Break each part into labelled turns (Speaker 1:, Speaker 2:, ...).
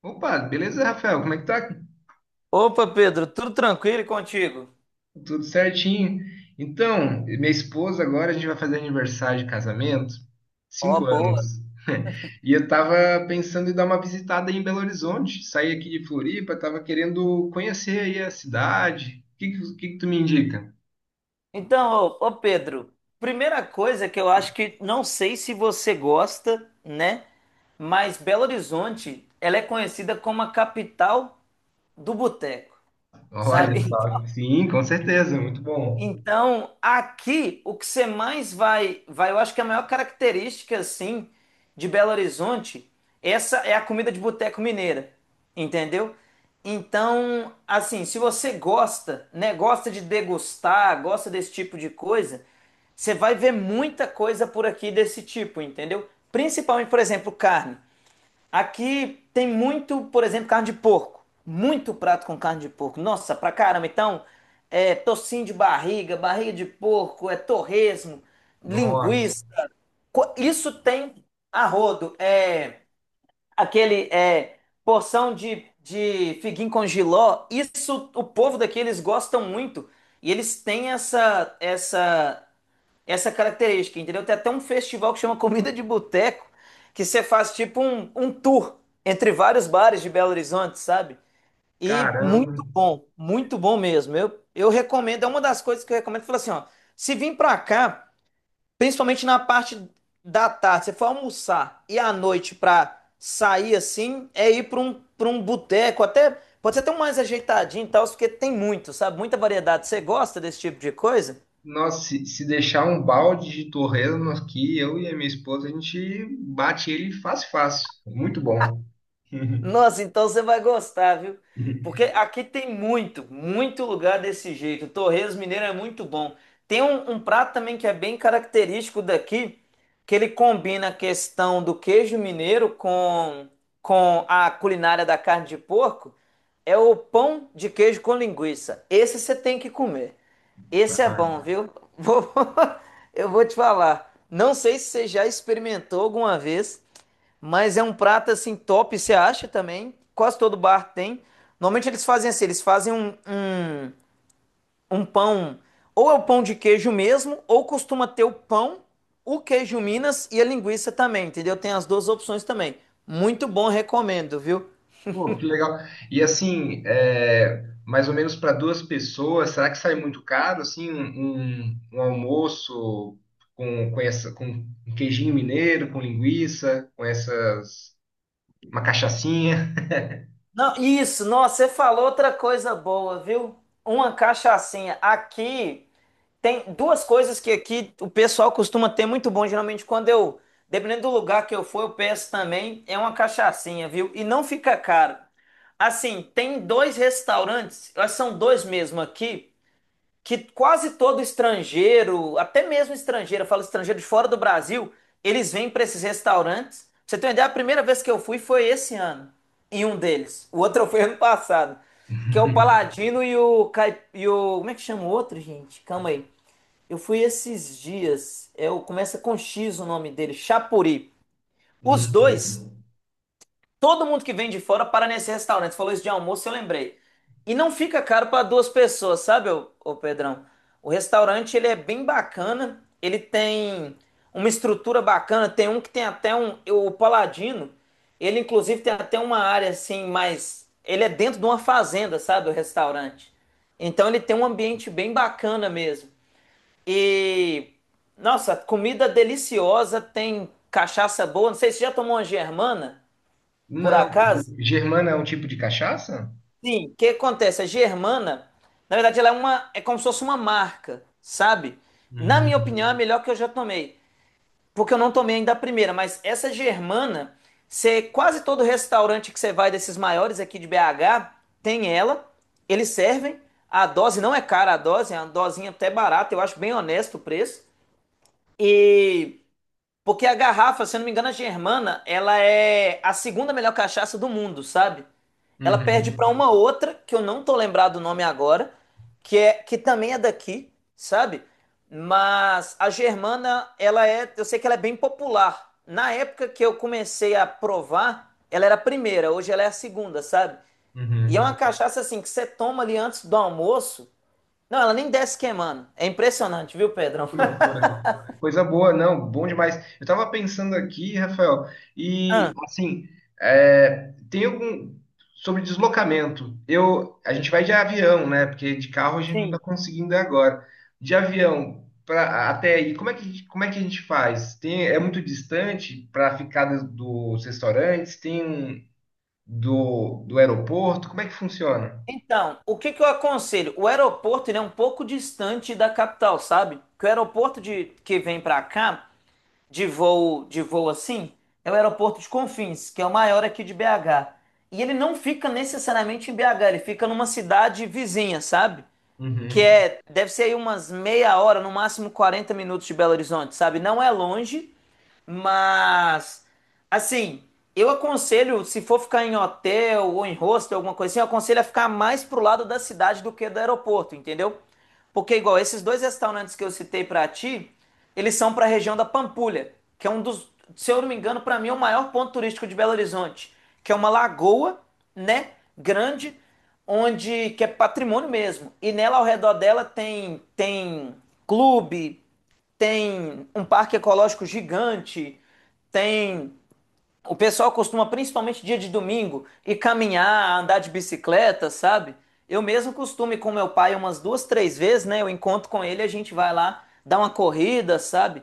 Speaker 1: Opa, beleza, Rafael? Como é que tá?
Speaker 2: Opa, Pedro, tudo tranquilo e contigo?
Speaker 1: Tudo certinho. Então, minha esposa agora a gente vai fazer aniversário de casamento,
Speaker 2: Ó,
Speaker 1: 5 anos.
Speaker 2: boa.
Speaker 1: E eu tava pensando em dar uma visitada aí em Belo Horizonte, sair aqui de Floripa, tava querendo conhecer aí a cidade. O que que tu me indica?
Speaker 2: Então, ô, Pedro, primeira coisa que eu acho que não sei se você gosta, né? Mas Belo Horizonte, ela é conhecida como a capital do boteco,
Speaker 1: Olha
Speaker 2: sabe?
Speaker 1: só, sim, com certeza, muito bom.
Speaker 2: Então, aqui o que você mais vai, eu acho que a maior característica assim de Belo Horizonte, essa é a comida de boteco mineira, entendeu? Então, assim, se você gosta, né, gosta de degustar, gosta desse tipo de coisa, você vai ver muita coisa por aqui desse tipo, entendeu? Principalmente, por exemplo, carne. Aqui tem muito, por exemplo, carne de porco. Muito prato com carne de porco. Nossa, pra caramba. Então, é tocinho de barriga, barriga de porco, é torresmo,
Speaker 1: Nossa,
Speaker 2: linguiça. Isso tem a rodo. É aquele é porção de figuinho com jiló. Isso o povo daqui eles gostam muito. E eles têm essa característica, entendeu? Tem até um festival que chama Comida de Boteco, que você faz tipo um tour entre vários bares de Belo Horizonte, sabe? E
Speaker 1: caramba.
Speaker 2: muito bom mesmo. Eu recomendo, é uma das coisas que eu recomendo, eu falo assim, ó, se vir pra cá, principalmente na parte da tarde, você for almoçar e à noite pra sair assim, é ir pra um boteco, até pode ser até um mais ajeitadinho e tal, porque tem muito, sabe? Muita variedade. Você gosta desse tipo de coisa?
Speaker 1: Nossa, se deixar um balde de torresmo aqui, eu e a minha esposa, a gente bate ele fácil, fácil. Muito bom.
Speaker 2: Nossa, então você vai gostar, viu? Porque aqui tem muito, muito lugar desse jeito. Torresmo mineiro é muito bom. Tem um prato também que é bem característico daqui, que ele combina a questão do queijo mineiro com a culinária da carne de porco. É o pão de queijo com linguiça. Esse você tem que comer. Esse é bom,
Speaker 1: Ah,
Speaker 2: viu? Vou- Eu vou te falar. Não sei se você já experimentou alguma vez, mas é um prato assim top, você acha também? Quase todo bar tem. Normalmente eles fazem assim, eles fazem um pão, ou é o pão de queijo mesmo, ou costuma ter o pão, o queijo Minas e a linguiça também, entendeu? Tem as duas opções também. Muito bom, recomendo, viu?
Speaker 1: pô, que legal. E assim, é, mais ou menos para duas pessoas, será que sai muito caro, assim, um almoço com um queijinho mineiro, com linguiça, com essas, uma cachaçinha?
Speaker 2: Não, isso, nossa, você falou outra coisa boa, viu? Uma cachaçinha. Aqui. Tem duas coisas que aqui o pessoal costuma ter muito bom. Geralmente, quando eu, dependendo do lugar que eu for, eu peço também. É uma cachaçinha, viu? E não fica caro. Assim, tem dois restaurantes, eu acho que são dois mesmo aqui, que quase todo estrangeiro, até mesmo estrangeiro, eu falo estrangeiro de fora do Brasil, eles vêm para esses restaurantes. Pra você ter uma ideia, a primeira vez que eu fui foi esse ano, em um deles. O outro foi ano passado, que é o Paladino e o, Caip... e o... Como é que chama o outro, gente? Calma aí. Eu fui esses dias, é, começa com X o nome dele, Chapuri. Os dois,
Speaker 1: Bom.
Speaker 2: todo mundo que vem de fora para nesse restaurante. Você falou isso de almoço, eu lembrei. E não fica caro para duas pessoas, sabe, ô Pedrão? O restaurante, ele é bem bacana, ele tem uma estrutura bacana, tem um que tem até um, o Paladino, ele inclusive tem até uma área assim, mais, ele é dentro de uma fazenda, sabe, o restaurante. Então ele tem um ambiente bem bacana mesmo. E nossa, comida deliciosa, tem cachaça boa. Não sei se você já tomou uma germana, por
Speaker 1: Não,
Speaker 2: acaso?
Speaker 1: germana é um tipo de cachaça?
Speaker 2: Sim, o que acontece? A germana, na verdade, ela é uma, é como se fosse uma marca, sabe? Na minha
Speaker 1: Hum.
Speaker 2: opinião, é a melhor que eu já tomei, porque eu não tomei ainda a primeira, mas essa germana, você, quase todo restaurante que você vai desses maiores aqui de BH, tem ela, eles servem. A dose não é cara, a dose é uma dosinha até barata, eu acho bem honesto o preço. E porque a garrafa, se eu não me engano, a Germana, ela é a segunda melhor cachaça do mundo, sabe? Ela perde
Speaker 1: Uhum.
Speaker 2: para uma outra, que eu não tô lembrado o nome agora, que é que também é daqui, sabe? Mas a Germana, ela é, eu sei que ela é bem popular. Na época que eu comecei a provar, ela era a primeira, hoje ela é a segunda, sabe? E é uma
Speaker 1: Uhum.
Speaker 2: cachaça assim que você toma ali antes do almoço. Não, ela nem desce queimando. É impressionante, viu, Pedrão?
Speaker 1: Que loucura. Coisa boa, não, bom demais. Eu tava pensando aqui, Rafael, e
Speaker 2: Ah,
Speaker 1: assim, é, tem algum sobre deslocamento. Eu, a gente vai de avião, né? Porque de carro a gente não tá
Speaker 2: sim.
Speaker 1: conseguindo agora. De avião para até aí, como é que a gente faz? Tem, é muito distante para ficar dos restaurantes? Tem do aeroporto? Como é que funciona?
Speaker 2: Então, o que que eu aconselho? O aeroporto, ele é um pouco distante da capital, sabe? Que o aeroporto de, que vem pra cá, de voo assim, é o aeroporto de Confins, que é o maior aqui de BH. E ele não fica necessariamente em BH, ele fica numa cidade vizinha, sabe? Que
Speaker 1: Uhum.
Speaker 2: é, deve ser aí umas meia hora, no máximo 40 minutos de Belo Horizonte, sabe? Não é longe, mas assim, eu aconselho, se for ficar em hotel ou em hostel, alguma coisa assim, eu aconselho a ficar mais pro lado da cidade do que do aeroporto, entendeu? Porque, igual, esses dois restaurantes que eu citei pra ti, eles são pra região da Pampulha, que é um dos, se eu não me engano, pra mim é o maior ponto turístico de Belo Horizonte, que é uma lagoa, né, grande, onde que é patrimônio mesmo. E nela ao redor dela tem clube, tem um parque ecológico gigante, tem o pessoal costuma, principalmente dia de domingo, ir caminhar, andar de bicicleta, sabe? Eu mesmo costumo ir com meu pai umas duas, três vezes, né? Eu encontro com ele, a gente vai lá dar uma corrida, sabe?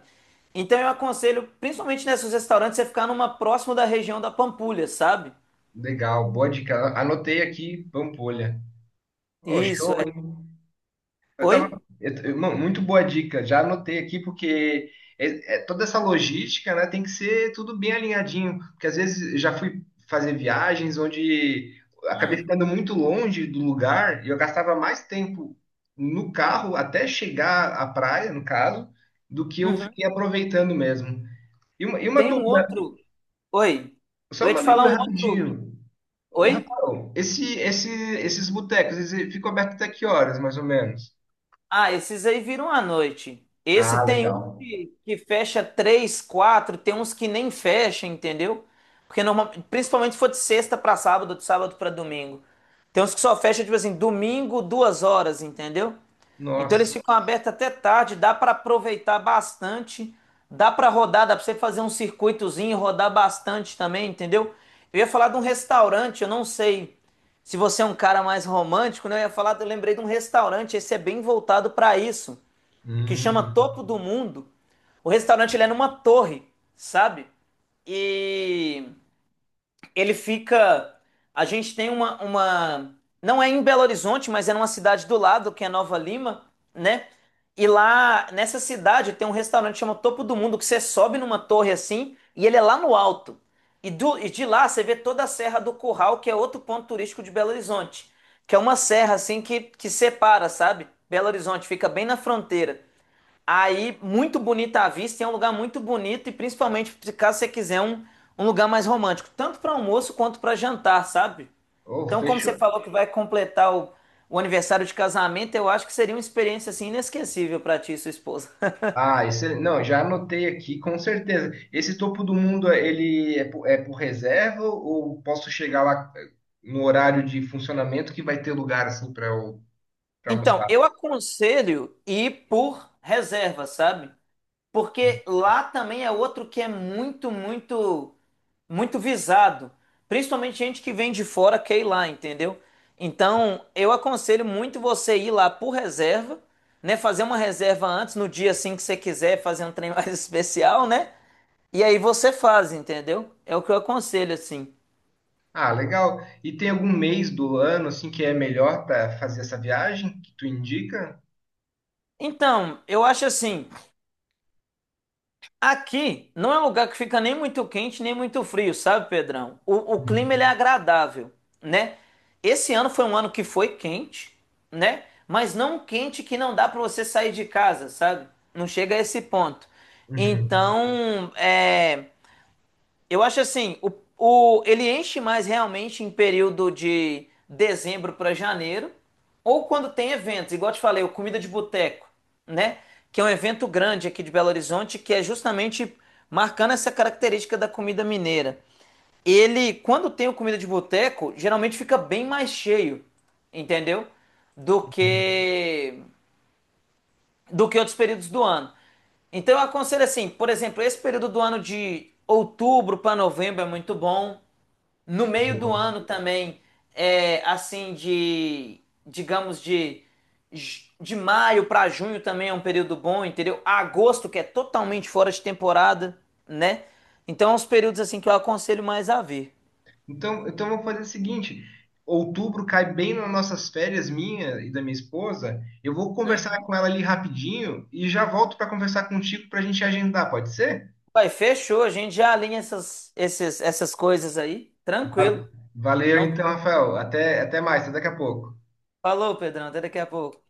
Speaker 2: Então eu aconselho, principalmente nesses restaurantes, você ficar numa próximo da região da Pampulha, sabe?
Speaker 1: Legal, boa dica. Anotei aqui, Pampolha. Oh,
Speaker 2: Isso,
Speaker 1: show,
Speaker 2: é.
Speaker 1: hein? Eu
Speaker 2: Oi?
Speaker 1: tava. Mano, muito boa dica. Já anotei aqui, porque é toda essa logística, né, tem que ser tudo bem alinhadinho. Porque às vezes eu já fui fazer viagens onde acabei
Speaker 2: Ah,
Speaker 1: ficando muito longe do lugar e eu gastava mais tempo no carro até chegar à praia, no caso, do que eu
Speaker 2: uhum.
Speaker 1: fiquei aproveitando mesmo. E uma
Speaker 2: Tem um
Speaker 1: dúvida,
Speaker 2: outro. Oi.
Speaker 1: só
Speaker 2: Eu ia te
Speaker 1: uma
Speaker 2: falar
Speaker 1: dúvida
Speaker 2: um outro.
Speaker 1: rapidinho. Ô,
Speaker 2: Oi?
Speaker 1: Rafael, esses botecos, eles ficam abertos até que horas, mais ou menos?
Speaker 2: Ah, esses aí viram à noite. Esse
Speaker 1: Ah,
Speaker 2: tem um
Speaker 1: legal.
Speaker 2: que fecha três, quatro, tem uns que nem fecha, entendeu? Porque normal, principalmente se for de sexta pra sábado, de sábado pra domingo. Tem uns que só fecha, tipo assim, domingo, 2 horas, entendeu? Então eles
Speaker 1: Nossa.
Speaker 2: ficam abertos até tarde, dá para aproveitar bastante, dá para rodar, dá para você fazer um circuitozinho e rodar bastante também, entendeu? Eu ia falar de um restaurante, eu não sei se você é um cara mais romântico, né? Eu ia falar, eu lembrei de um restaurante, esse é bem voltado para isso, que chama
Speaker 1: Hum.
Speaker 2: Topo do Mundo. O restaurante ele é numa torre, sabe? E ele fica. A gente tem uma, uma. Não é em Belo Horizonte, mas é numa cidade do lado, que é Nova Lima, né? E lá, nessa cidade, tem um restaurante que chama Topo do Mundo, que você sobe numa torre assim, e ele é lá no alto. E, e de lá você vê toda a Serra do Curral, que é outro ponto turístico de Belo Horizonte. Que é uma serra assim que separa, sabe? Belo Horizonte fica bem na fronteira. Aí, muito bonita a vista, e é um lugar muito bonito, e principalmente caso você quiser um, um lugar mais romântico, tanto para almoço quanto para jantar, sabe?
Speaker 1: Oh,
Speaker 2: Então, como você
Speaker 1: fechou.
Speaker 2: falou que vai completar o aniversário de casamento, eu acho que seria uma experiência assim inesquecível para ti e sua esposa.
Speaker 1: Ah, esse, não, já anotei aqui, com certeza. Esse topo do mundo, ele é por, é por reserva ou posso chegar lá no horário de funcionamento que vai ter lugar assim para eu para
Speaker 2: Então,
Speaker 1: almoçar?
Speaker 2: eu aconselho ir por reserva, sabe? Porque lá também é outro que é muito, muito muito visado, principalmente gente que vem de fora quer ir lá, entendeu? Então, eu aconselho muito você ir lá por reserva, né, fazer uma reserva antes no dia assim que você quiser, fazer um trem mais especial, né? E aí você faz, entendeu? É o que eu aconselho assim.
Speaker 1: Ah, legal. E tem algum mês do ano assim que é melhor para fazer essa viagem que tu indica?
Speaker 2: Então, eu acho assim, aqui não é um lugar que fica nem muito quente nem muito frio, sabe, Pedrão? O clima ele é
Speaker 1: Uhum.
Speaker 2: agradável, né? Esse ano foi um ano que foi quente, né? Mas não um quente que não dá para você sair de casa, sabe? Não chega a esse ponto.
Speaker 1: Uhum.
Speaker 2: Então, é. Eu acho assim, ele enche mais realmente em período de dezembro para janeiro, ou quando tem eventos, igual eu te falei, o Comida de Boteco, né? Que é um evento grande aqui de Belo Horizonte, que é justamente marcando essa característica da comida mineira. Ele, quando tem o Comida de Boteco, geralmente fica bem mais cheio, entendeu? Do
Speaker 1: Uhum.
Speaker 2: que, do que outros períodos do ano. Então eu aconselho assim, por exemplo, esse período do ano de outubro para novembro é muito bom. No meio do
Speaker 1: Boa.
Speaker 2: ano também, é, assim, de, digamos, de maio para junho também é um período bom, entendeu? Agosto, que é totalmente fora de temporada, né? Então, é uns períodos, assim, que eu aconselho mais a ver.
Speaker 1: Então, então vamos fazer o seguinte: outubro cai bem nas nossas férias, minha e da minha esposa. Eu vou conversar
Speaker 2: Hum.
Speaker 1: com ela ali rapidinho e já volto para conversar contigo para a gente agendar, pode ser?
Speaker 2: Vai, fechou, a gente já alinha essas, esses, essas coisas aí, tranquilo.
Speaker 1: Valeu, Valeu,
Speaker 2: Então,
Speaker 1: então, Rafael. Até mais, até daqui a pouco.
Speaker 2: falou, Pedrão, até daqui a pouco.